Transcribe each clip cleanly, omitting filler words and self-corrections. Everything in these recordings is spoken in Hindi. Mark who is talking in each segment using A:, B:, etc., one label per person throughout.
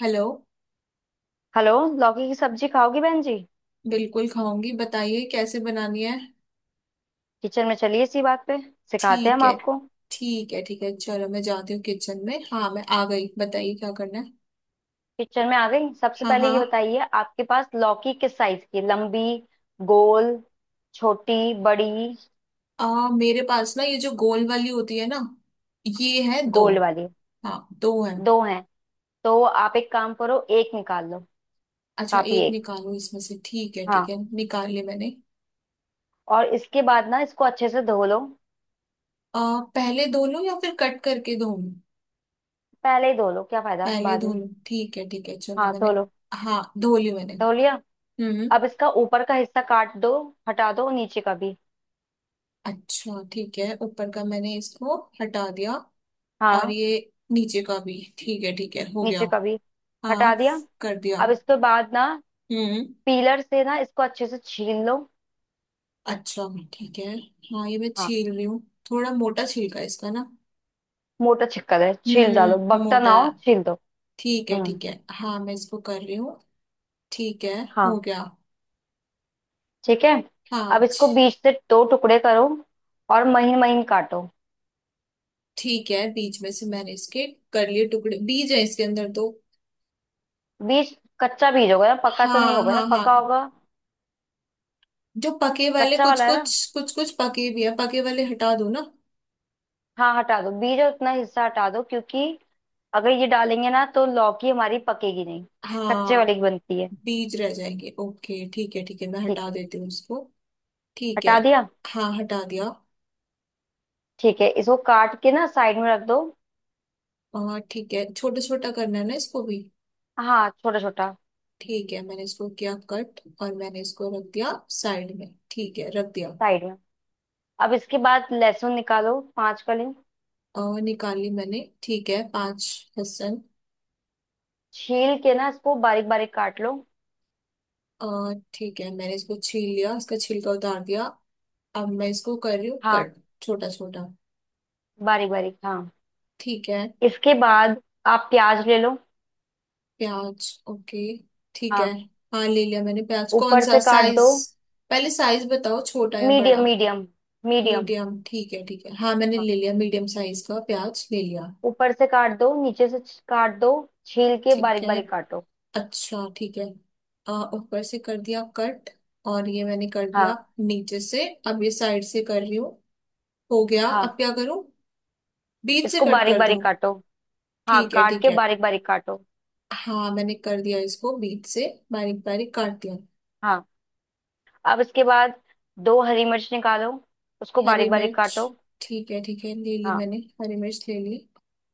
A: हेलो।
B: हेलो। लौकी की सब्जी खाओगी बहन जी?
A: बिल्कुल खाऊंगी, बताइए कैसे बनानी है।
B: किचन में चलिए। इसी बात पे सिखाते हैं हम
A: ठीक है,
B: आपको।
A: ठीक है ठीक है, चलो मैं जाती हूँ किचन में। हाँ मैं आ गई, बताइए क्या करना है।
B: किचन में आ गई। सबसे
A: हाँ
B: पहले
A: हाँ।
B: ये बताइए आपके पास लौकी किस साइज की है? लंबी, गोल, छोटी, बड़ी?
A: मेरे पास ना ये जो गोल वाली होती है ना, ये है दो।
B: गोल वाली।
A: हाँ दो है।
B: दो हैं। तो आप एक काम करो, एक निकाल लो।
A: अच्छा,
B: काफी
A: एक
B: एक।
A: निकालो इसमें से। ठीक है ठीक
B: हाँ।
A: है, निकाल लिया मैंने।
B: और इसके बाद ना इसको अच्छे से धो लो।
A: पहले धो लूँ या फिर कट करके धो लूं?
B: पहले ही धो लो, क्या फायदा
A: पहले
B: बाद
A: धो
B: में।
A: लूँ, ठीक है ठीक है, चलो
B: हाँ, धो
A: मैंने।
B: लो।
A: हाँ धो ली मैंने।
B: धो लिया।
A: हम्म।
B: अब इसका ऊपर का हिस्सा काट दो। हटा दो नीचे का भी।
A: अच्छा ठीक है, ऊपर का मैंने इसको हटा दिया। और
B: हाँ।
A: ये नीचे का भी, ठीक है हो गया।
B: नीचे का भी हटा
A: हाँ,
B: दिया।
A: कर दिया।
B: अब इसके बाद ना
A: हम्म।
B: पीलर से ना इसको अच्छे से छील लो।
A: अच्छा ठीक है, हाँ ये मैं
B: हाँ।
A: छील रही हूँ। थोड़ा मोटा छिलका है इसका ना।
B: मोटा छिक्कर है, छील डालो,
A: हम्म,
B: बकता
A: मोटा
B: ना
A: है।
B: हो छील दो।
A: ठीक है
B: हम्म।
A: ठीक है, हाँ मैं इसको कर रही हूँ। ठीक है, हो
B: हाँ।
A: गया।
B: ठीक है। अब
A: हाँ।
B: इसको बीच से दो टुकड़े करो और महीन महीन काटो।
A: ठीक है, बीज में से मैंने इसके कर लिए टुकड़े। बीज है इसके अंदर तो।
B: बीज? कच्चा बीज होगा ना, पका तो नहीं
A: हाँ
B: होगा
A: हाँ
B: ना,
A: हाँ।
B: पका होगा?
A: जो पके वाले,
B: कच्चा
A: कुछ
B: वाला है ना।
A: कुछ कुछ कुछ पके भी है, पके वाले हटा दो ना।
B: हाँ हटा दो बीज और उतना हिस्सा हटा दो, क्योंकि अगर ये डालेंगे ना तो लौकी हमारी पकेगी नहीं। कच्चे
A: हाँ,
B: वाली की बनती है।
A: बीज रह जाएंगे। ओके ठीक है ठीक है, मैं
B: ठीक
A: हटा
B: है।
A: देती हूँ इसको। ठीक है।
B: हटा दिया।
A: हाँ हटा दिया।
B: ठीक है इसको काट के ना साइड में रख दो।
A: और ठीक है, छोटा छोटा करना है ना इसको भी।
B: हाँ, छोटा छोटा।
A: ठीक है, मैंने इसको किया कट और मैंने इसको रख दिया साइड में। ठीक है, रख दिया।
B: साइड में। अब इसके बाद लहसुन निकालो, 5 कली।
A: और निकाल ली मैंने, ठीक है पांच लहसुन।
B: छील के ना इसको बारीक बारीक काट लो।
A: और ठीक है, मैंने इसको छील लिया, इसका छिलका उतार दिया। अब मैं इसको कर रही हूँ
B: हाँ।
A: कट, छोटा छोटा।
B: बारीक बारीक, हाँ।
A: ठीक है।
B: इसके बाद आप प्याज ले लो।
A: प्याज, ओके ठीक है।
B: हाँ।
A: हाँ ले लिया मैंने प्याज। कौन
B: ऊपर
A: सा
B: से काट
A: साइज?
B: दो।
A: पहले साइज बताओ, छोटा या बड़ा।
B: Medium medium. मीडियम।
A: मीडियम, ठीक है ठीक है। हाँ मैंने
B: हाँ।
A: ले लिया, मीडियम साइज का प्याज ले लिया।
B: ऊपर से काट दो, नीचे से काट दो। छील के
A: ठीक
B: बारीक
A: है,
B: बारीक काटो।
A: अच्छा ठीक है। ऊपर से कर दिया कट, और ये मैंने कर दिया
B: हाँ।
A: नीचे से, अब ये साइड से कर रही हूँ। हो गया,
B: हाँ,
A: अब क्या करूँ? बीच से
B: इसको
A: कट
B: बारीक
A: कर दूँ?
B: बारीक काटो। हाँ,
A: ठीक है
B: काट
A: ठीक
B: के
A: है।
B: बारीक बारीक काटो।
A: हाँ मैंने कर दिया इसको बीच से, बारीक बारीक काट दिया।
B: हाँ। अब इसके बाद दो हरी मिर्च निकालो, उसको
A: हरी
B: बारीक बारीक
A: मिर्च,
B: काटो।
A: ठीक है ठीक है, ले ली
B: हाँ।
A: मैंने हरी मिर्च ले ली।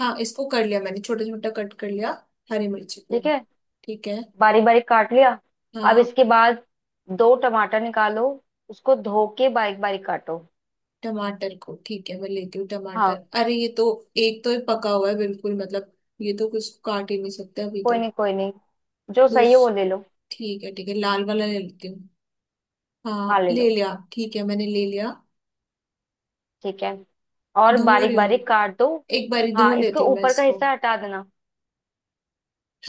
A: हाँ इसको कर लिया मैंने, छोटा छोटा कट कर लिया, हरी मिर्च को।
B: ठीक है।
A: ठीक है।
B: बारीक बारीक काट लिया। अब
A: हाँ।
B: इसके बाद दो टमाटर निकालो, उसको धो के बारीक बारीक काटो।
A: टमाटर को, ठीक है मैं लेती हूँ टमाटर।
B: हाँ।
A: अरे ये तो, एक तो ये पका हुआ है बिल्कुल, मतलब ये तो कुछ काट ही नहीं सकते अभी
B: कोई
A: तो।
B: नहीं, कोई नहीं। जो सही
A: दूस
B: है वो ले लो।
A: ठीक है ठीक है, लाल वाला ले लेती हूँ।
B: हाँ,
A: हाँ
B: ले
A: ले
B: लो।
A: लिया, ठीक है मैंने ले लिया।
B: ठीक है और
A: धो रही
B: बारीक
A: हूँ,
B: बारीक काट दो।
A: एक बारी धो
B: हाँ, इसको
A: लेती हूँ मैं
B: ऊपर का
A: इसको।
B: हिस्सा हटा देना।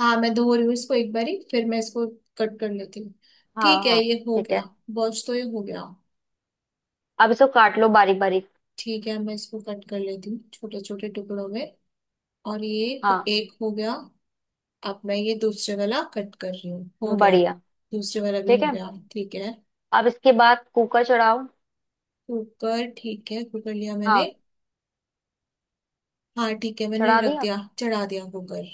A: हाँ मैं धो रही हूँ इसको एक बारी, फिर मैं इसको कट कर लेती हूँ।
B: हाँ।
A: ठीक है,
B: हाँ।
A: ये हो
B: ठीक
A: गया।
B: है।
A: वॉश तो ये हो गया।
B: अब इसको काट लो बारीक बारीक।
A: ठीक है, मैं इसको कट कर लेती हूँ, छोटे छोटे टुकड़ों में। और ये
B: हाँ।
A: एक हो गया। अब मैं ये दूसरे वाला कट कर रही हूँ। हो गया,
B: बढ़िया।
A: दूसरे वाला भी
B: ठीक
A: हो
B: है।
A: गया। ठीक है।
B: अब इसके बाद कुकर चढ़ाओ।
A: कुकर, ठीक है कुकर लिया मैंने।
B: हाँ।
A: हाँ ठीक है, मैंने
B: चढ़ा
A: रख
B: दिया।
A: दिया, चढ़ा दिया कुकर।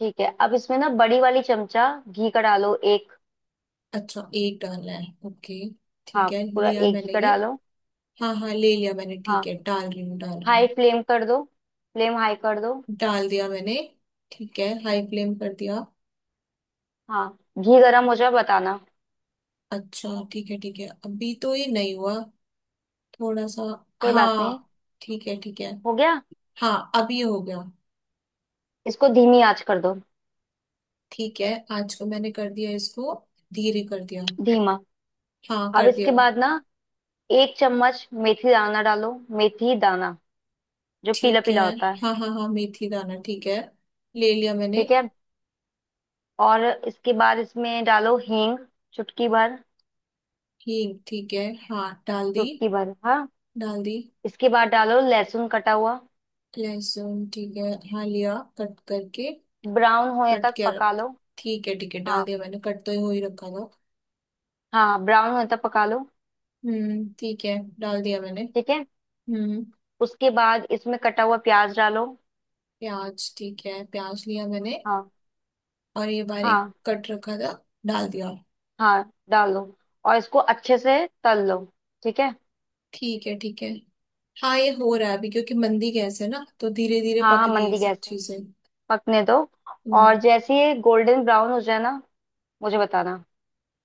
B: ठीक है अब इसमें ना बड़ी वाली चमचा घी का डालो एक।
A: अच्छा, एक डालना है, ओके ठीक
B: हाँ।
A: है,
B: पूरा
A: लिया
B: एक घी
A: मैंने
B: का
A: ये।
B: डालो।
A: हाँ हाँ ले लिया मैंने, ठीक
B: हाँ।
A: है डाल रही हूँ डाल रही
B: हाई
A: हूँ।
B: फ्लेम कर दो। फ्लेम हाई कर दो।
A: डाल दिया मैंने। ठीक है, हाई फ्लेम कर दिया।
B: हाँ। घी गरम हो जाए बताना।
A: अच्छा ठीक है ठीक है, अभी तो ये नहीं हुआ, थोड़ा सा।
B: कोई बात नहीं।
A: हाँ, ठीक है ठीक है।
B: हो गया।
A: हाँ अब ये हो गया।
B: इसको धीमी आंच कर दो।
A: ठीक है, आज को मैंने कर दिया इसको, धीरे कर दिया।
B: धीमा।
A: हाँ
B: अब
A: कर
B: इसके
A: दिया।
B: बाद ना 1 चम्मच मेथी दाना डालो। मेथी दाना, जो पीला
A: ठीक है।
B: पीला होता है।
A: हाँ हाँ हाँ, मेथी दाना ठीक है, ले लिया मैंने।
B: ठीक है। और इसके बाद इसमें डालो हींग, चुटकी भर।
A: हींग, ठीक है हाँ डाल दी।
B: चुटकी भर, हाँ।
A: डाल दी।
B: इसके बाद डालो लहसुन कटा हुआ।
A: लहसुन, ठीक है हाँ लिया कट करके,
B: ब्राउन होने
A: कट
B: तक
A: किया।
B: पका लो।
A: ठीक है ठीक है, डाल
B: हाँ।
A: दिया मैंने, कट तो हो ही रखा था।
B: हाँ, ब्राउन होने तक पका लो।
A: ठीक है, डाल दिया मैंने।
B: ठीक है।
A: हम्म।
B: उसके बाद इसमें कटा हुआ प्याज डालो।
A: प्याज, ठीक है प्याज लिया मैंने।
B: हाँ।
A: और ये बारीक
B: हाँ।
A: कट रखा था, डाल दिया।
B: हाँ डालो और इसको अच्छे से तल लो। ठीक है।
A: ठीक है ठीक है। हाँ ये हो रहा है अभी, क्योंकि मंदी गैस है ना तो धीरे धीरे
B: हाँ हाँ,
A: पक रही है ये
B: मंदी गैस
A: सब
B: है।
A: चीजें।
B: पकने दो और
A: हम्म।
B: जैसे ये गोल्डन ब्राउन हो जाए ना मुझे बताना।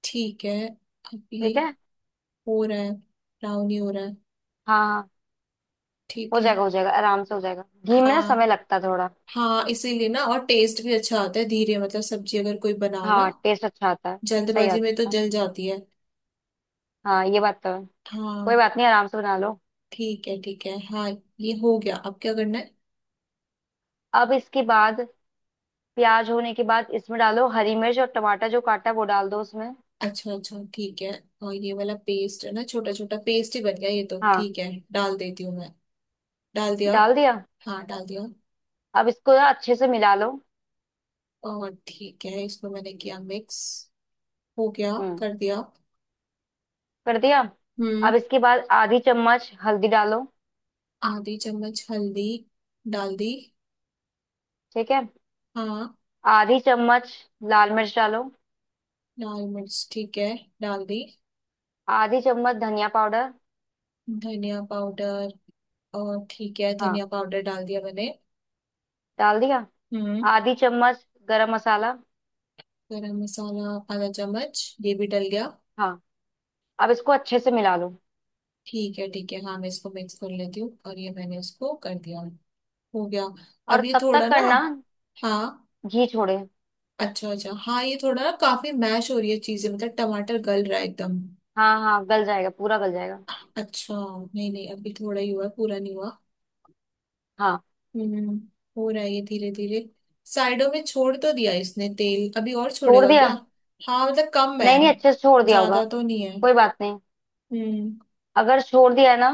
A: ठीक है। अब ये
B: ठीक है।
A: हो रहा है, ब्राउन ही हो रहा है।
B: हाँ हाँ। हो
A: ठीक है।
B: जाएगा, हो जाएगा, आराम से हो जाएगा। घी में ना
A: हाँ
B: समय लगता है थोड़ा।
A: हाँ, इसीलिए ना, और टेस्ट भी अच्छा आता है धीरे। मतलब सब्जी अगर कोई बनाओ ना
B: हाँ, टेस्ट अच्छा आता है। सही
A: जल्दबाजी में तो
B: आता है।
A: जल जाती है।
B: हाँ, ये बात तो है। कोई
A: हाँ।
B: बात नहीं, आराम से बना लो।
A: ठीक है ठीक है। हाँ ये हो गया, अब क्या करना है?
B: अब इसके बाद प्याज होने के बाद इसमें डालो हरी मिर्च और टमाटर। जो काटा है वो डाल दो उसमें।
A: अच्छा अच्छा, ठीक है। और ये वाला पेस्ट है ना, छोटा छोटा पेस्ट ही बन गया ये तो,
B: हाँ।
A: ठीक है। डाल देती हूँ मैं। डाल दिया।
B: डाल दिया।
A: हाँ डाल दिया।
B: अब इसको ना अच्छे से मिला लो।
A: और ठीक है, इसको मैंने किया मिक्स। हो गया,
B: हम्म।
A: कर दिया।
B: कर दिया।
A: हम्म।
B: अब इसके बाद आधी चम्मच हल्दी डालो।
A: आधी चम्मच हल्दी डाल दी।
B: ठीक है।
A: हाँ।
B: आधी चम्मच लाल मिर्च डालो।
A: लाल मिर्च, ठीक है डाल दी।
B: आधी चम्मच धनिया पाउडर।
A: धनिया पाउडर, और ठीक है
B: हाँ।
A: धनिया पाउडर डाल दिया मैंने।
B: डाल दिया।
A: हम्म।
B: आधी चम्मच गरम मसाला।
A: गरम मसाला, आधा चम्मच ये भी डल गया।
B: हाँ। अब इसको अच्छे से मिला लो।
A: ठीक है ठीक है, हाँ मैं इसको मिक्स कर लेती हूँ। और ये मैंने इसको कर दिया, हो गया।
B: और
A: अब ये
B: तब तक
A: थोड़ा ना।
B: करना
A: हाँ।
B: घी छोड़े।
A: अच्छा अच्छा, हाँ ये थोड़ा ना, काफी मैश हो रही है चीजें। मतलब टमाटर गल रहा है एकदम।
B: हाँ हाँ, गल जाएगा, पूरा गल जाएगा।
A: अच्छा, नहीं नहीं अभी थोड़ा ही हुआ है, पूरा नहीं हुआ।
B: हाँ,
A: हम्म। हो रहा है ये धीरे धीरे। साइडों में छोड़ तो दिया इसने तेल, अभी और
B: छोड़
A: छोड़ेगा क्या?
B: दिया।
A: हाँ, मतलब कम है।
B: नहीं नहीं, अच्छे से छोड़ दिया होगा।
A: ज्यादा तो नहीं है।
B: कोई बात नहीं।
A: हम्म।
B: अगर छोड़ दिया है ना,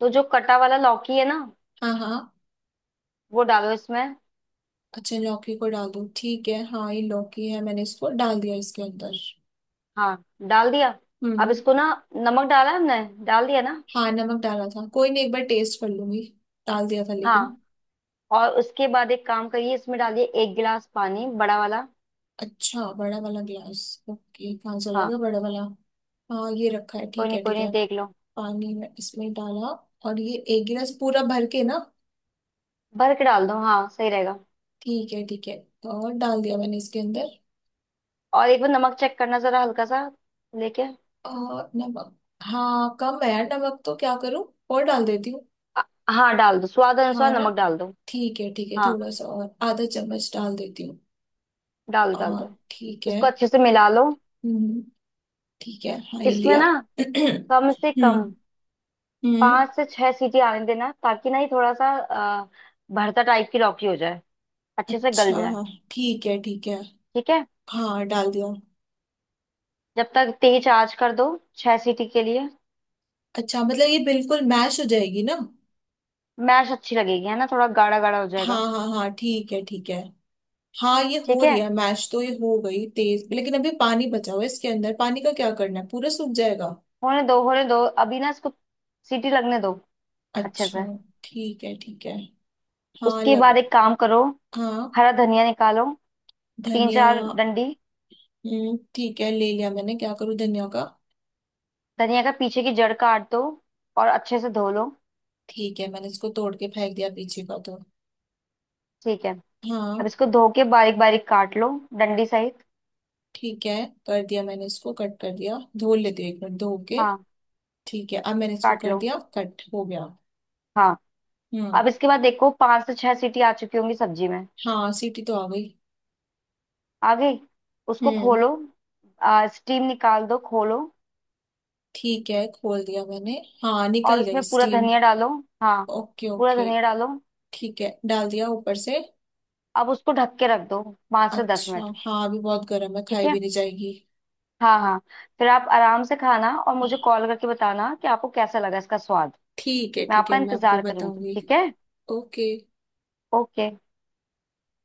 B: तो जो कटा वाला लौकी है ना,
A: हाँ हाँ।
B: वो डालो इसमें।
A: अच्छा, लौकी को डाल दो, ठीक है। हाँ ये लौकी है, मैंने इसको डाल दिया इसके अंदर।
B: हाँ। डाल दिया। अब
A: हम्म।
B: इसको ना, नमक डाला हमने, डाल दिया ना?
A: हाँ नमक डाला था, कोई नहीं एक बार टेस्ट कर लूंगी, डाल दिया था लेकिन।
B: हाँ। और उसके बाद एक काम करिए, इसमें डालिए 1 गिलास पानी, बड़ा वाला।
A: अच्छा, बड़ा वाला गिलास, ओके। कहाँ चला
B: हाँ।
A: गया बड़ा वाला? हाँ ये रखा है,
B: कोई
A: ठीक
B: नहीं,
A: है
B: कोई
A: ठीक
B: नहीं,
A: है।
B: देख लो।
A: पानी में इसमें डाला, और ये एक गिलास पूरा भर के ना।
B: भर के डाल दो, हाँ सही रहेगा।
A: ठीक है ठीक है, और डाल दिया मैंने इसके अंदर।
B: और एक बार नमक चेक करना, जरा हल्का सा लेके।
A: और नमक, हाँ कम है यार नमक तो, क्या करूँ, और डाल देती हूँ।
B: अ- हाँ, डाल दो, स्वाद
A: हाँ
B: अनुसार
A: ना।
B: नमक डाल दो।
A: ठीक है ठीक है,
B: हाँ,
A: थोड़ा सा और आधा चम्मच डाल देती हूँ।
B: डाल दो, डाल
A: और,
B: दो।
A: ठीक है।
B: इसको अच्छे से मिला लो।
A: हम्म। ठीक है, हाँ ये
B: इसमें
A: लिया।
B: ना कम से
A: हम्म।
B: कम
A: हम्म।
B: पाँच से छह सीटी आने देना, ताकि ना ये थोड़ा सा भरता टाइप की लौकी हो जाए, अच्छे से गल
A: अच्छा
B: जाए।
A: हाँ। ठीक है ठीक है।
B: ठीक है।
A: हाँ डाल दिया।
B: जब तक तेज आंच कर दो, छह सीटी के लिए।
A: अच्छा, मतलब ये बिल्कुल मैश हो जाएगी ना।
B: मैश अच्छी लगेगी है ना, थोड़ा गाढ़ा गाढ़ा हो
A: हाँ
B: जाएगा।
A: हाँ हाँ, ठीक है ठीक है। हाँ ये हो
B: ठीक
A: रही
B: है।
A: है मैश तो, ये हो गई तेज, लेकिन अभी पानी बचा हुआ है इसके अंदर। पानी का क्या करना है, पूरा सूख जाएगा?
B: होने दो, होने दो। अभी ना इसको सीटी लगने दो अच्छे से।
A: अच्छा। ठीक है ठीक है। हाँ
B: उसके
A: लग।
B: बाद एक काम करो,
A: हाँ,
B: हरा धनिया निकालो, तीन
A: धनिया।
B: चार डंडी।
A: ठीक है ले लिया मैंने। क्या करूँ धनिया का?
B: धनिया का पीछे की जड़ काट दो और अच्छे से धो लो।
A: ठीक है, मैंने इसको तोड़ के फेंक दिया पीछे का तो।
B: ठीक है।
A: हाँ।
B: अब इसको धो के बारीक बारीक काट लो, डंडी सहित।
A: ठीक है, कर दिया मैंने इसको, कट कर दिया, धो लेती हूँ एक मिनट धो के।
B: हाँ,
A: ठीक है, अब मैंने इसको
B: काट
A: कर
B: लो।
A: दिया कट, हो गया।
B: हाँ।
A: हम्म।
B: अब इसके बाद देखो पांच से छह सीटी आ चुकी होंगी सब्जी में।
A: हाँ सीटी तो आ गई।
B: आ गई। उसको
A: हम्म।
B: खोलो। स्टीम निकाल दो, खोलो।
A: ठीक है, खोल दिया मैंने। हाँ
B: और
A: निकल गई
B: उसमें पूरा
A: स्टीम।
B: धनिया डालो। हाँ।
A: ओके
B: पूरा
A: ओके।
B: धनिया डालो।
A: ठीक है, डाल दिया ऊपर से।
B: अब उसको ढक के रख दो, पांच से दस
A: अच्छा
B: मिनट
A: हाँ, अभी बहुत गर्म है,
B: ठीक
A: खाई
B: है।
A: भी नहीं जाएगी।
B: हाँ हाँ। फिर आप आराम से खाना और मुझे कॉल करके बताना कि आपको कैसा लगा इसका स्वाद।
A: ठीक है
B: मैं
A: ठीक है,
B: आपका
A: मैं आपको
B: इंतजार करूंगी।
A: बताऊंगी।
B: ठीक है।
A: ओके।
B: ओके।